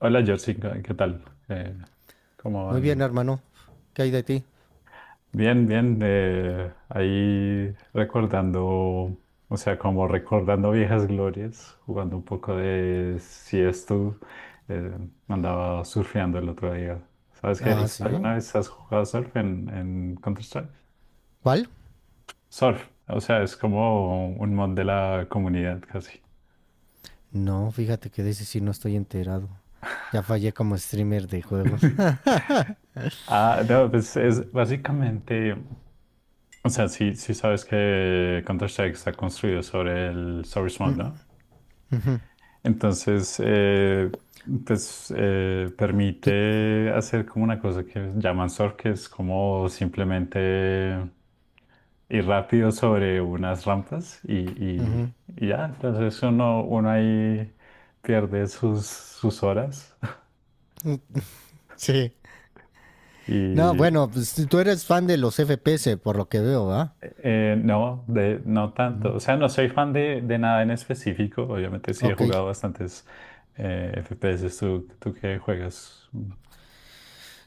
Hola Jessica, ¿qué tal? Eh, ¿Cómo Muy bien, van? hermano. ¿Qué hay de ti? Bien, bien. Ahí recordando, o sea, como recordando viejas glorias, jugando un poco de Siesto. Eh, Andaba surfeando el otro día. ¿Sabes qué? Ah, sí. ¿Alguna vez has jugado surf en Counter-Strike? ¿Cuál? Surf, o sea, es como un mod de la comunidad casi. No, fíjate que de ese sí no estoy enterado. Ya fallé como streamer de juegos. Ah, no, pues es básicamente. O sea, sí, sí sabes que Counter-Strike está construido sobre el source mode, ¿no? Entonces, pues Tú- permite hacer como una cosa que llaman surf, que es como simplemente ir rápido sobre unas rampas Ujú. y ya. Entonces uno ahí pierde sus horas. Sí. No, Y bueno, pues tú eres fan de los FPS, por lo que veo, ¿va? No, de, no tanto. O sea, no soy fan de nada en específico. Obviamente sí he Ok. jugado bastantes FPS. ¿Tú qué juegas?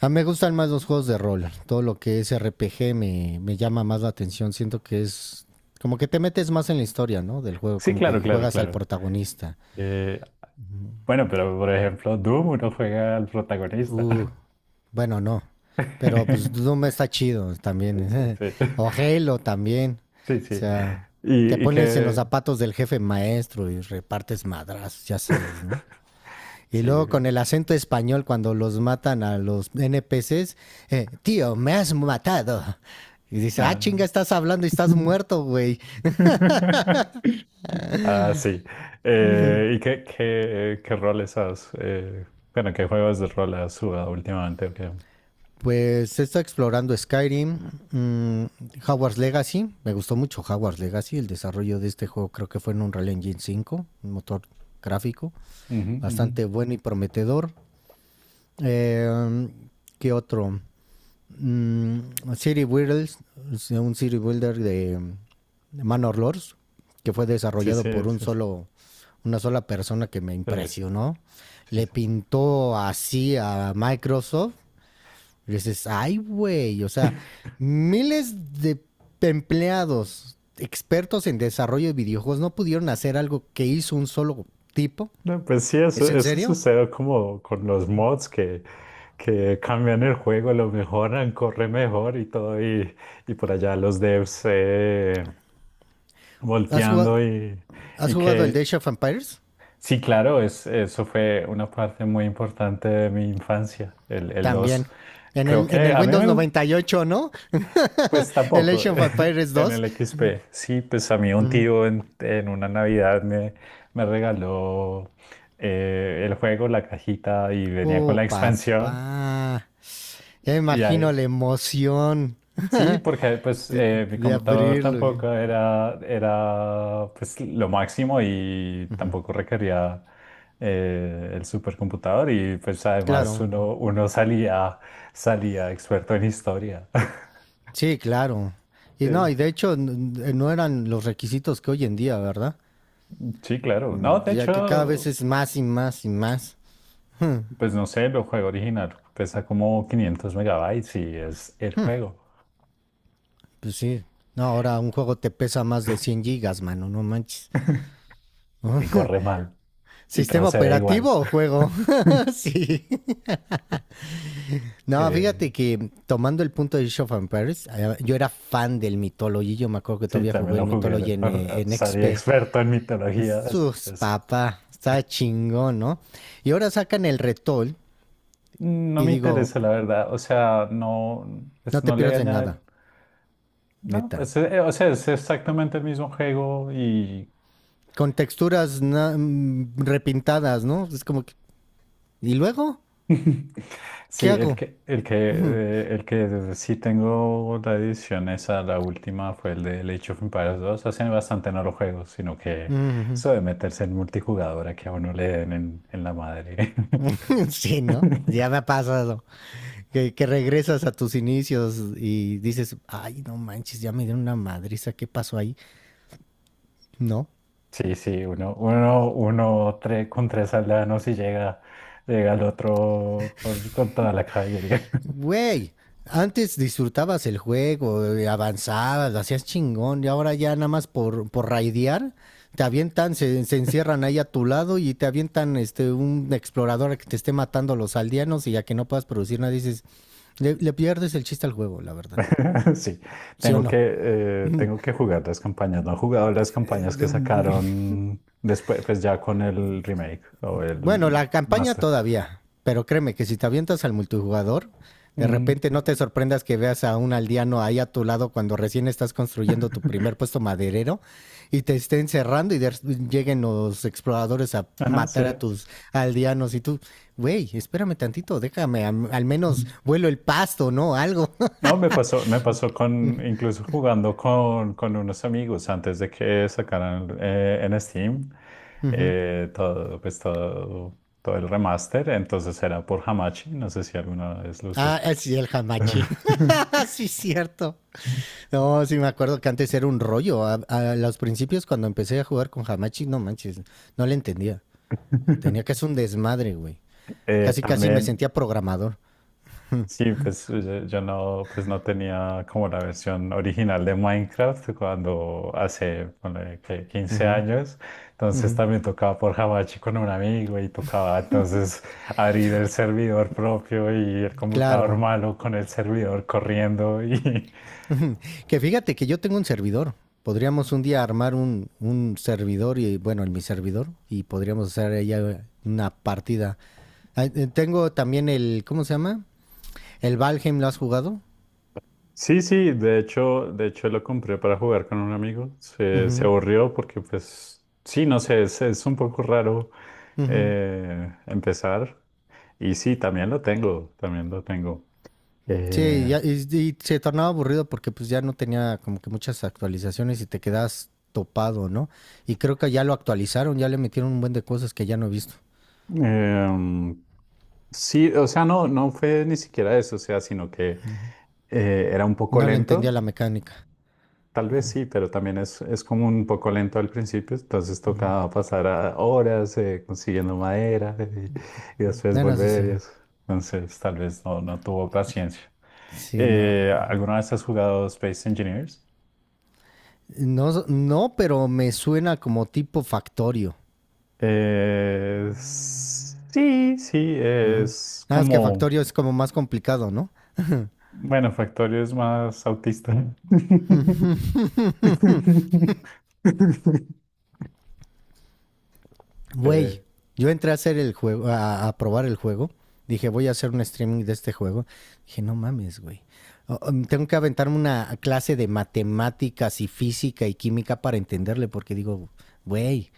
A mí me gustan más los juegos de rol. Todo lo que es RPG me llama más la atención. Siento que es como que te metes más en la historia, ¿no? Del juego, Sí, como claro, que claro, juegas al claro. protagonista. Eh, bueno, pero por ejemplo, Doom uno juega al protagonista. Uh, bueno, no. Pero pues Doom está chido Sí, sí, también. sí. o Halo también. Sí, O sí. sea, te Y pones en los que... zapatos del jefe maestro y repartes madrazos, ya sabes, ¿no? Y Sí. luego con el acento español cuando los matan a los NPCs, tío, me has matado. Y dice, ah, Ah. chinga, estás hablando y estás muerto, güey. Ah, sí. ¿Y qué, qué, qué roles has? Bueno, ¿qué juegos de rol has jugado últimamente? ¿O qué? Ujú, Pues se está explorando Skyrim, mm, Hogwarts Legacy, me gustó mucho Hogwarts Legacy. El desarrollo de este juego creo que fue en Unreal Engine 5, un motor gráfico ujú. bastante bueno y prometedor. Eh, ¿Qué otro? Mm, City Builders, un City Builder de Manor Lords, que fue Sí, desarrollado sí, por un sí, sí. Una sola persona que me Te lo he visto. impresionó. Sí, Le sí. pintó así a Microsoft y dices, ay, güey, o sea, miles de empleados expertos en desarrollo de videojuegos no pudieron hacer algo que hizo un solo tipo. No, pues sí, ¿Es eso, en eso serio? sucede como con los mods que cambian el juego, lo mejoran, corre mejor y todo, y por allá los devs ¿Has volteando jugado, ¿Has y jugado el que Dash of Empires? sí, claro, es, eso fue una parte muy importante de mi infancia, el dos. También. En Creo el, en que el a mí Windows me gustó. 98, ¿no? Pues el tampoco, Age of Empires en 2. el X P. Sí, pues a mí un Mm. tío en una Navidad me, me regaló el juego, la cajita y venía con Oh, la expansión. papá. Ya me Y imagino ahí, la emoción sí, porque pues de, mi de computador abrirlo. Uh tampoco era, era pues lo máximo y -huh. tampoco requería el supercomputador y pues además Claro. uno salía, salía experto en historia. Sí, claro. Y Eh, no, y de hecho n- no eran los requisitos que hoy en día, ¿verdad? sí, claro. No, de Ya que cada vez hecho, es más y más y más. pues no sé, el juego original pesa como 500 megabytes y es el juego. Pues sí. No, ahora un juego te pesa más de 100 gigas, mano, no manches. Y corre mal. Y todo ¿Sistema se ve igual. operativo o juego? Sí. No, Eh, fíjate que tomando el punto de Age of Empires, yo era fan del Mythology. Yo me acuerdo que sí, todavía también jugué el lo jugué. Mythology en Sería XP. experto en mitología Sus, después. papá, está chingón, ¿no? Y ahora sacan el Retol No y me digo, interesa, la verdad. O sea, no, no pues te no le pierdas de añade. nada. No, Neta. pues, o sea, es exactamente el mismo juego y Con texturas repintadas, ¿no? Es como que... ¿Y luego? ¿Qué sí, el hago? que, el que, el que sí tengo la edición esa, la última fue el de Age of Empires dos. Hace bastante no lo juego, sino que eso de meterse en multijugador a que a uno le den en la madre. sí, ¿no? Ya me ha pasado. Que regresas a tus inicios y dices, ay, no manches, ya me dieron una madriza, ¿qué pasó ahí? No. Sí, sí, uno con tres aldeanos y llega, llega al otro con toda la caballería. Güey, antes disfrutabas el juego, avanzabas, lo hacías chingón, y ahora ya nada más por raidear, te avientan, se encierran ahí a tu lado y te avientan este un explorador que te esté matando a los aldeanos y ya que no puedas producir nada, dices, le pierdes el chiste al juego, la verdad. Sí, ¿Sí o no? Tengo que jugar las campañas. No he jugado las campañas que sacaron después, pues ya con el remake o el Bueno, la campaña master. todavía, pero créeme que si te avientas al multijugador, de Ujú. repente no te sorprendas que veas a un aldeano ahí a tu lado cuando recién estás construyendo tu primer puesto maderero y te estén cerrando y de- lleguen los exploradores a Ajá, sí. matar a tus aldeanos y tú, güey, espérame tantito, déjame, am- al, menos Mm. vuelo el pasto, ¿no? Algo. No, me pasó con, incluso jugando con unos amigos antes de que sacaran en Steam Ujú. Todo, pues todo, todo el remaster. Entonces era por Hamachi. No sé si alguna vez lo usaste. Sí, el hamachi. sí, cierto. No, sí me acuerdo que antes era un rollo. A los principios cuando empecé a jugar con Hamachi, no manches, no le entendía. Tenía que hacer un desmadre, güey. Casi, casi me también. sentía programador. Sí, pues yo no, pues no tenía como la versión original de Minecraft cuando hace ponle, que 15 Ujú, años, ujú. entonces también tocaba por Hamachi con un amigo y tocaba entonces abrir el servidor propio y el computador Claro. malo con el servidor corriendo y que fíjate que yo tengo un servidor. Podríamos un día armar un servidor y, bueno, en mi servidor, y podríamos hacer ella una partida. Tengo también el, ¿cómo se llama? El Valheim, ¿lo has jugado? sí, sí, de hecho lo compré para jugar con un amigo. Se Ujú, aburrió porque, pues, sí, no sé, es un poco raro ujú. Empezar. Y sí, también lo tengo, también lo tengo. Sí, y Eh, ya- y se tornaba aburrido porque pues ya no tenía como que muchas actualizaciones y te quedas topado, ¿no? Y creo que ya lo actualizaron, ya le metieron un buen de cosas que ya no he visto. em, sí, o sea, no, no fue ni siquiera eso, o sea, sino que era un poco No le entendía lento. la mecánica. Tal vez sí, pero también es como un poco lento al principio, entonces toca pasar a horas consiguiendo madera y después Bueno, eso volver sí. y eso. Entonces tal vez no, no tuvo paciencia. Sí, no. ¿Alguna vez has jugado Space Engineers? No, no, pero me suena como tipo Factorio. Sí, sí, Ujú. es Nada más que como, Factorio es como más complicado, ¿no? bueno, Factorio es más autista. Güey, Eh, yo entré a hacer el juego, a probar el juego. Dije, voy a hacer un streaming de este juego. Dije, no mames, güey. Oh, tengo que aventarme una clase de matemáticas y física y química para entenderle, porque digo, güey,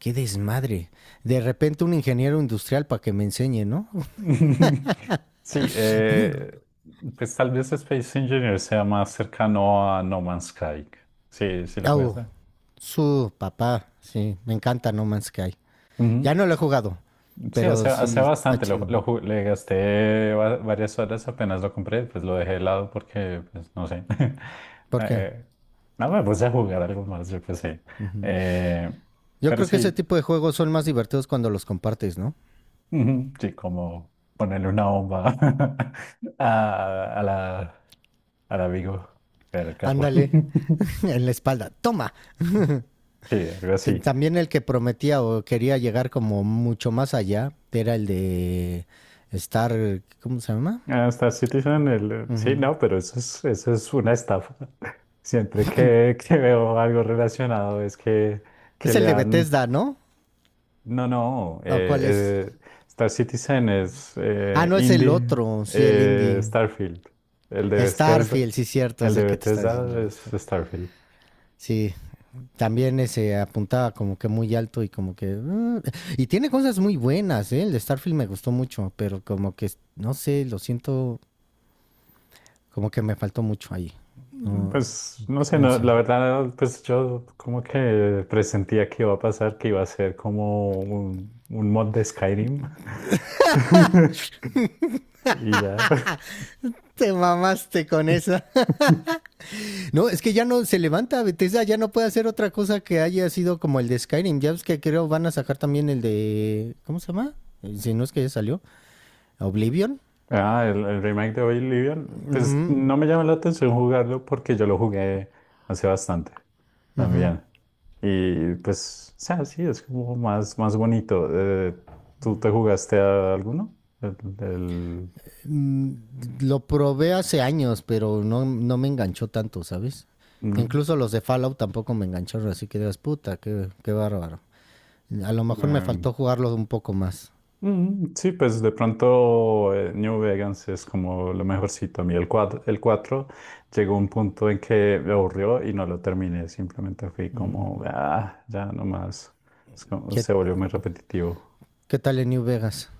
qué desmadre. De repente un ingeniero industrial para que me enseñe, ¿no? Sí, pues tal vez Space Engineer sea más cercano a No Man's Sky. Sí, sí lo Oh, jugaste. su papá, sí, me encanta No Man's Sky. Ujú. Ya no lo he jugado, Sí, pero hace, hace sí, sí está bastante, lo, chido. Le gasté varias horas apenas lo compré, pues lo dejé de lado porque, pues no sé. ¿Por qué? Eh, no me puse a jugar algo más, yo qué sé. Ujú. Eh, Yo pero creo que ese sí, tipo de juegos son más divertidos cuando los compartes, ¿no? ujú, sí, como ponerle una bomba a la, al amigo en el carro. Ándale, en la espalda. Toma. Sí, algo T- así. También el que prometía o quería llegar como mucho más allá era el de Star. ¿Cómo se llama? Hasta Citizen, el, sí, Ujú. no, pero eso es una estafa. Siempre que veo algo relacionado es que ¿Es el le de han... Bethesda, ¿no? No, no, ¿O cuál es? Star Citizen es Ah, no, es el indie, otro. Sí, el indie. Starfield. El de Bethesda, Starfield, sí, cierto, el es de el que te está diciendo Bethesda el de es Star. Starfield. Sí, también ese apuntaba como que muy alto y como que... y tiene cosas muy buenas, ¿eh? El de Starfield me gustó mucho, pero como que, no sé, lo siento, como que me faltó mucho ahí. Mm, No. pues no sé, No no, sé. la verdad, pues yo como que presentía que iba a pasar, que iba a ser como un mod de Skyrim. Y ya. Te mamaste con esa. No, es que ya no se levanta Bethesda, ya no puede hacer otra cosa que haya sido como el de Skyrim. Ya ves que creo van a sacar también el de... ¿Cómo se llama? Si no es que ya salió. Oblivion. Ah, el remake de Oblivion. Pues Ujú, no me llama la atención jugarlo porque yo lo jugué hace bastante ujú. también. Y pues, o sea, sí, es como más, más bonito. ¿Tú te jugaste a alguno? El, el- Mm, Lo probé hace años, pero no, no me enganchó tanto, ¿sabes? no, Incluso los de Fallout tampoco me engancharon, así que digas, puta, qué bárbaro. A lo mejor me eh, faltó jugarlo un poco más. mm, sí, pues de pronto New Vegas es como lo mejorcito. A mí el 4 llegó un punto en que me aburrió y no lo terminé. Simplemente fui Mm. como, ah, ya nomás. Es como- ¿Qué, se volvió muy repetitivo. ¿qué tal en New Vegas?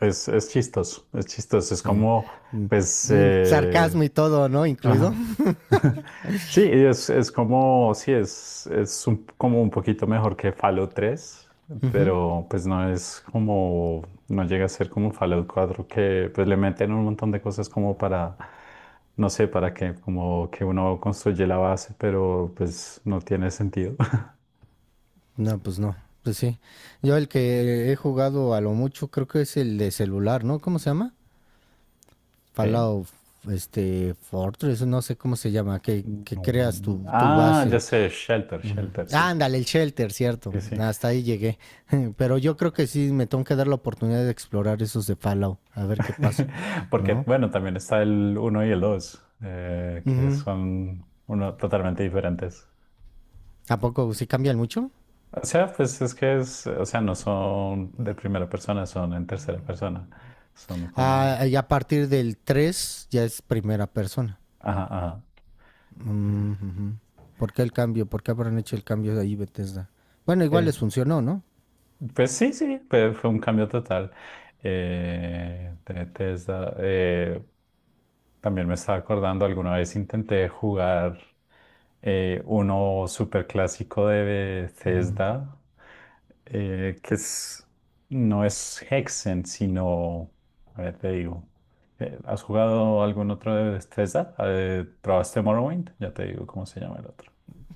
Es chistoso, es chistoso. Es Sí. como, Mm, pues, sarcasmo y todo, ¿no? Incluido. ajá, sí, es como, sí, es, como un poquito mejor que Fallout tres, Ujú. pero pues no es como, no llega a ser como Fallout cuatro que pues le meten un montón de cosas como para, no sé, para que como que uno construye la base, pero pues no tiene sentido. No, pues no. Pues sí. Yo el que he jugado a lo mucho creo que es el de celular, ¿no? ¿Cómo se llama? ¿Eh? Fallout, este, Fortress, no sé cómo se llama, No, que no. creas tu Ah, ya base. sé, Shelter, Ujú. Shelter, Ah, sí. ándale, el Shelter, cierto. Sí, sí. Hasta ahí llegué. Pero yo creo que sí me tengo que dar la oportunidad de explorar esos de Fallout, a ver qué pasa, Porque, ¿no? bueno, también está el uno y el 2 que Ujú. son uno, totalmente diferentes. ¿A poco sí cambian mucho? O sea, pues es que es, o sea, no son de primera persona, son en tercera persona. Son como, Ah, y a partir del 3 ya es primera persona. ajá, ajá. Mm, ujú. ¿Por qué el cambio? ¿Por qué habrán hecho el cambio de ahí, Bethesda? Bueno, igual Eh, les funcionó, ¿no? pues sí, sí, fue, fue un cambio total. De Tesla, también me estaba acordando, alguna vez intenté jugar. Uno súper clásico de Bethesda, que es, no es Hexen, sino, a ver, te digo, ¿has jugado algún otro de Bethesda? ¿Probaste Morrowind? Ya te digo cómo se llama el otro.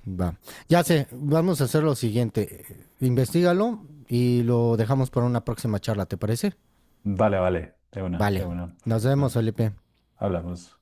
Va. Ya sé, vamos a hacer lo siguiente. Investígalo y lo dejamos para una próxima charla, ¿te parece? Vale, vale, de una, de Vale. una. Nos vemos, Bueno, Felipe. hablamos.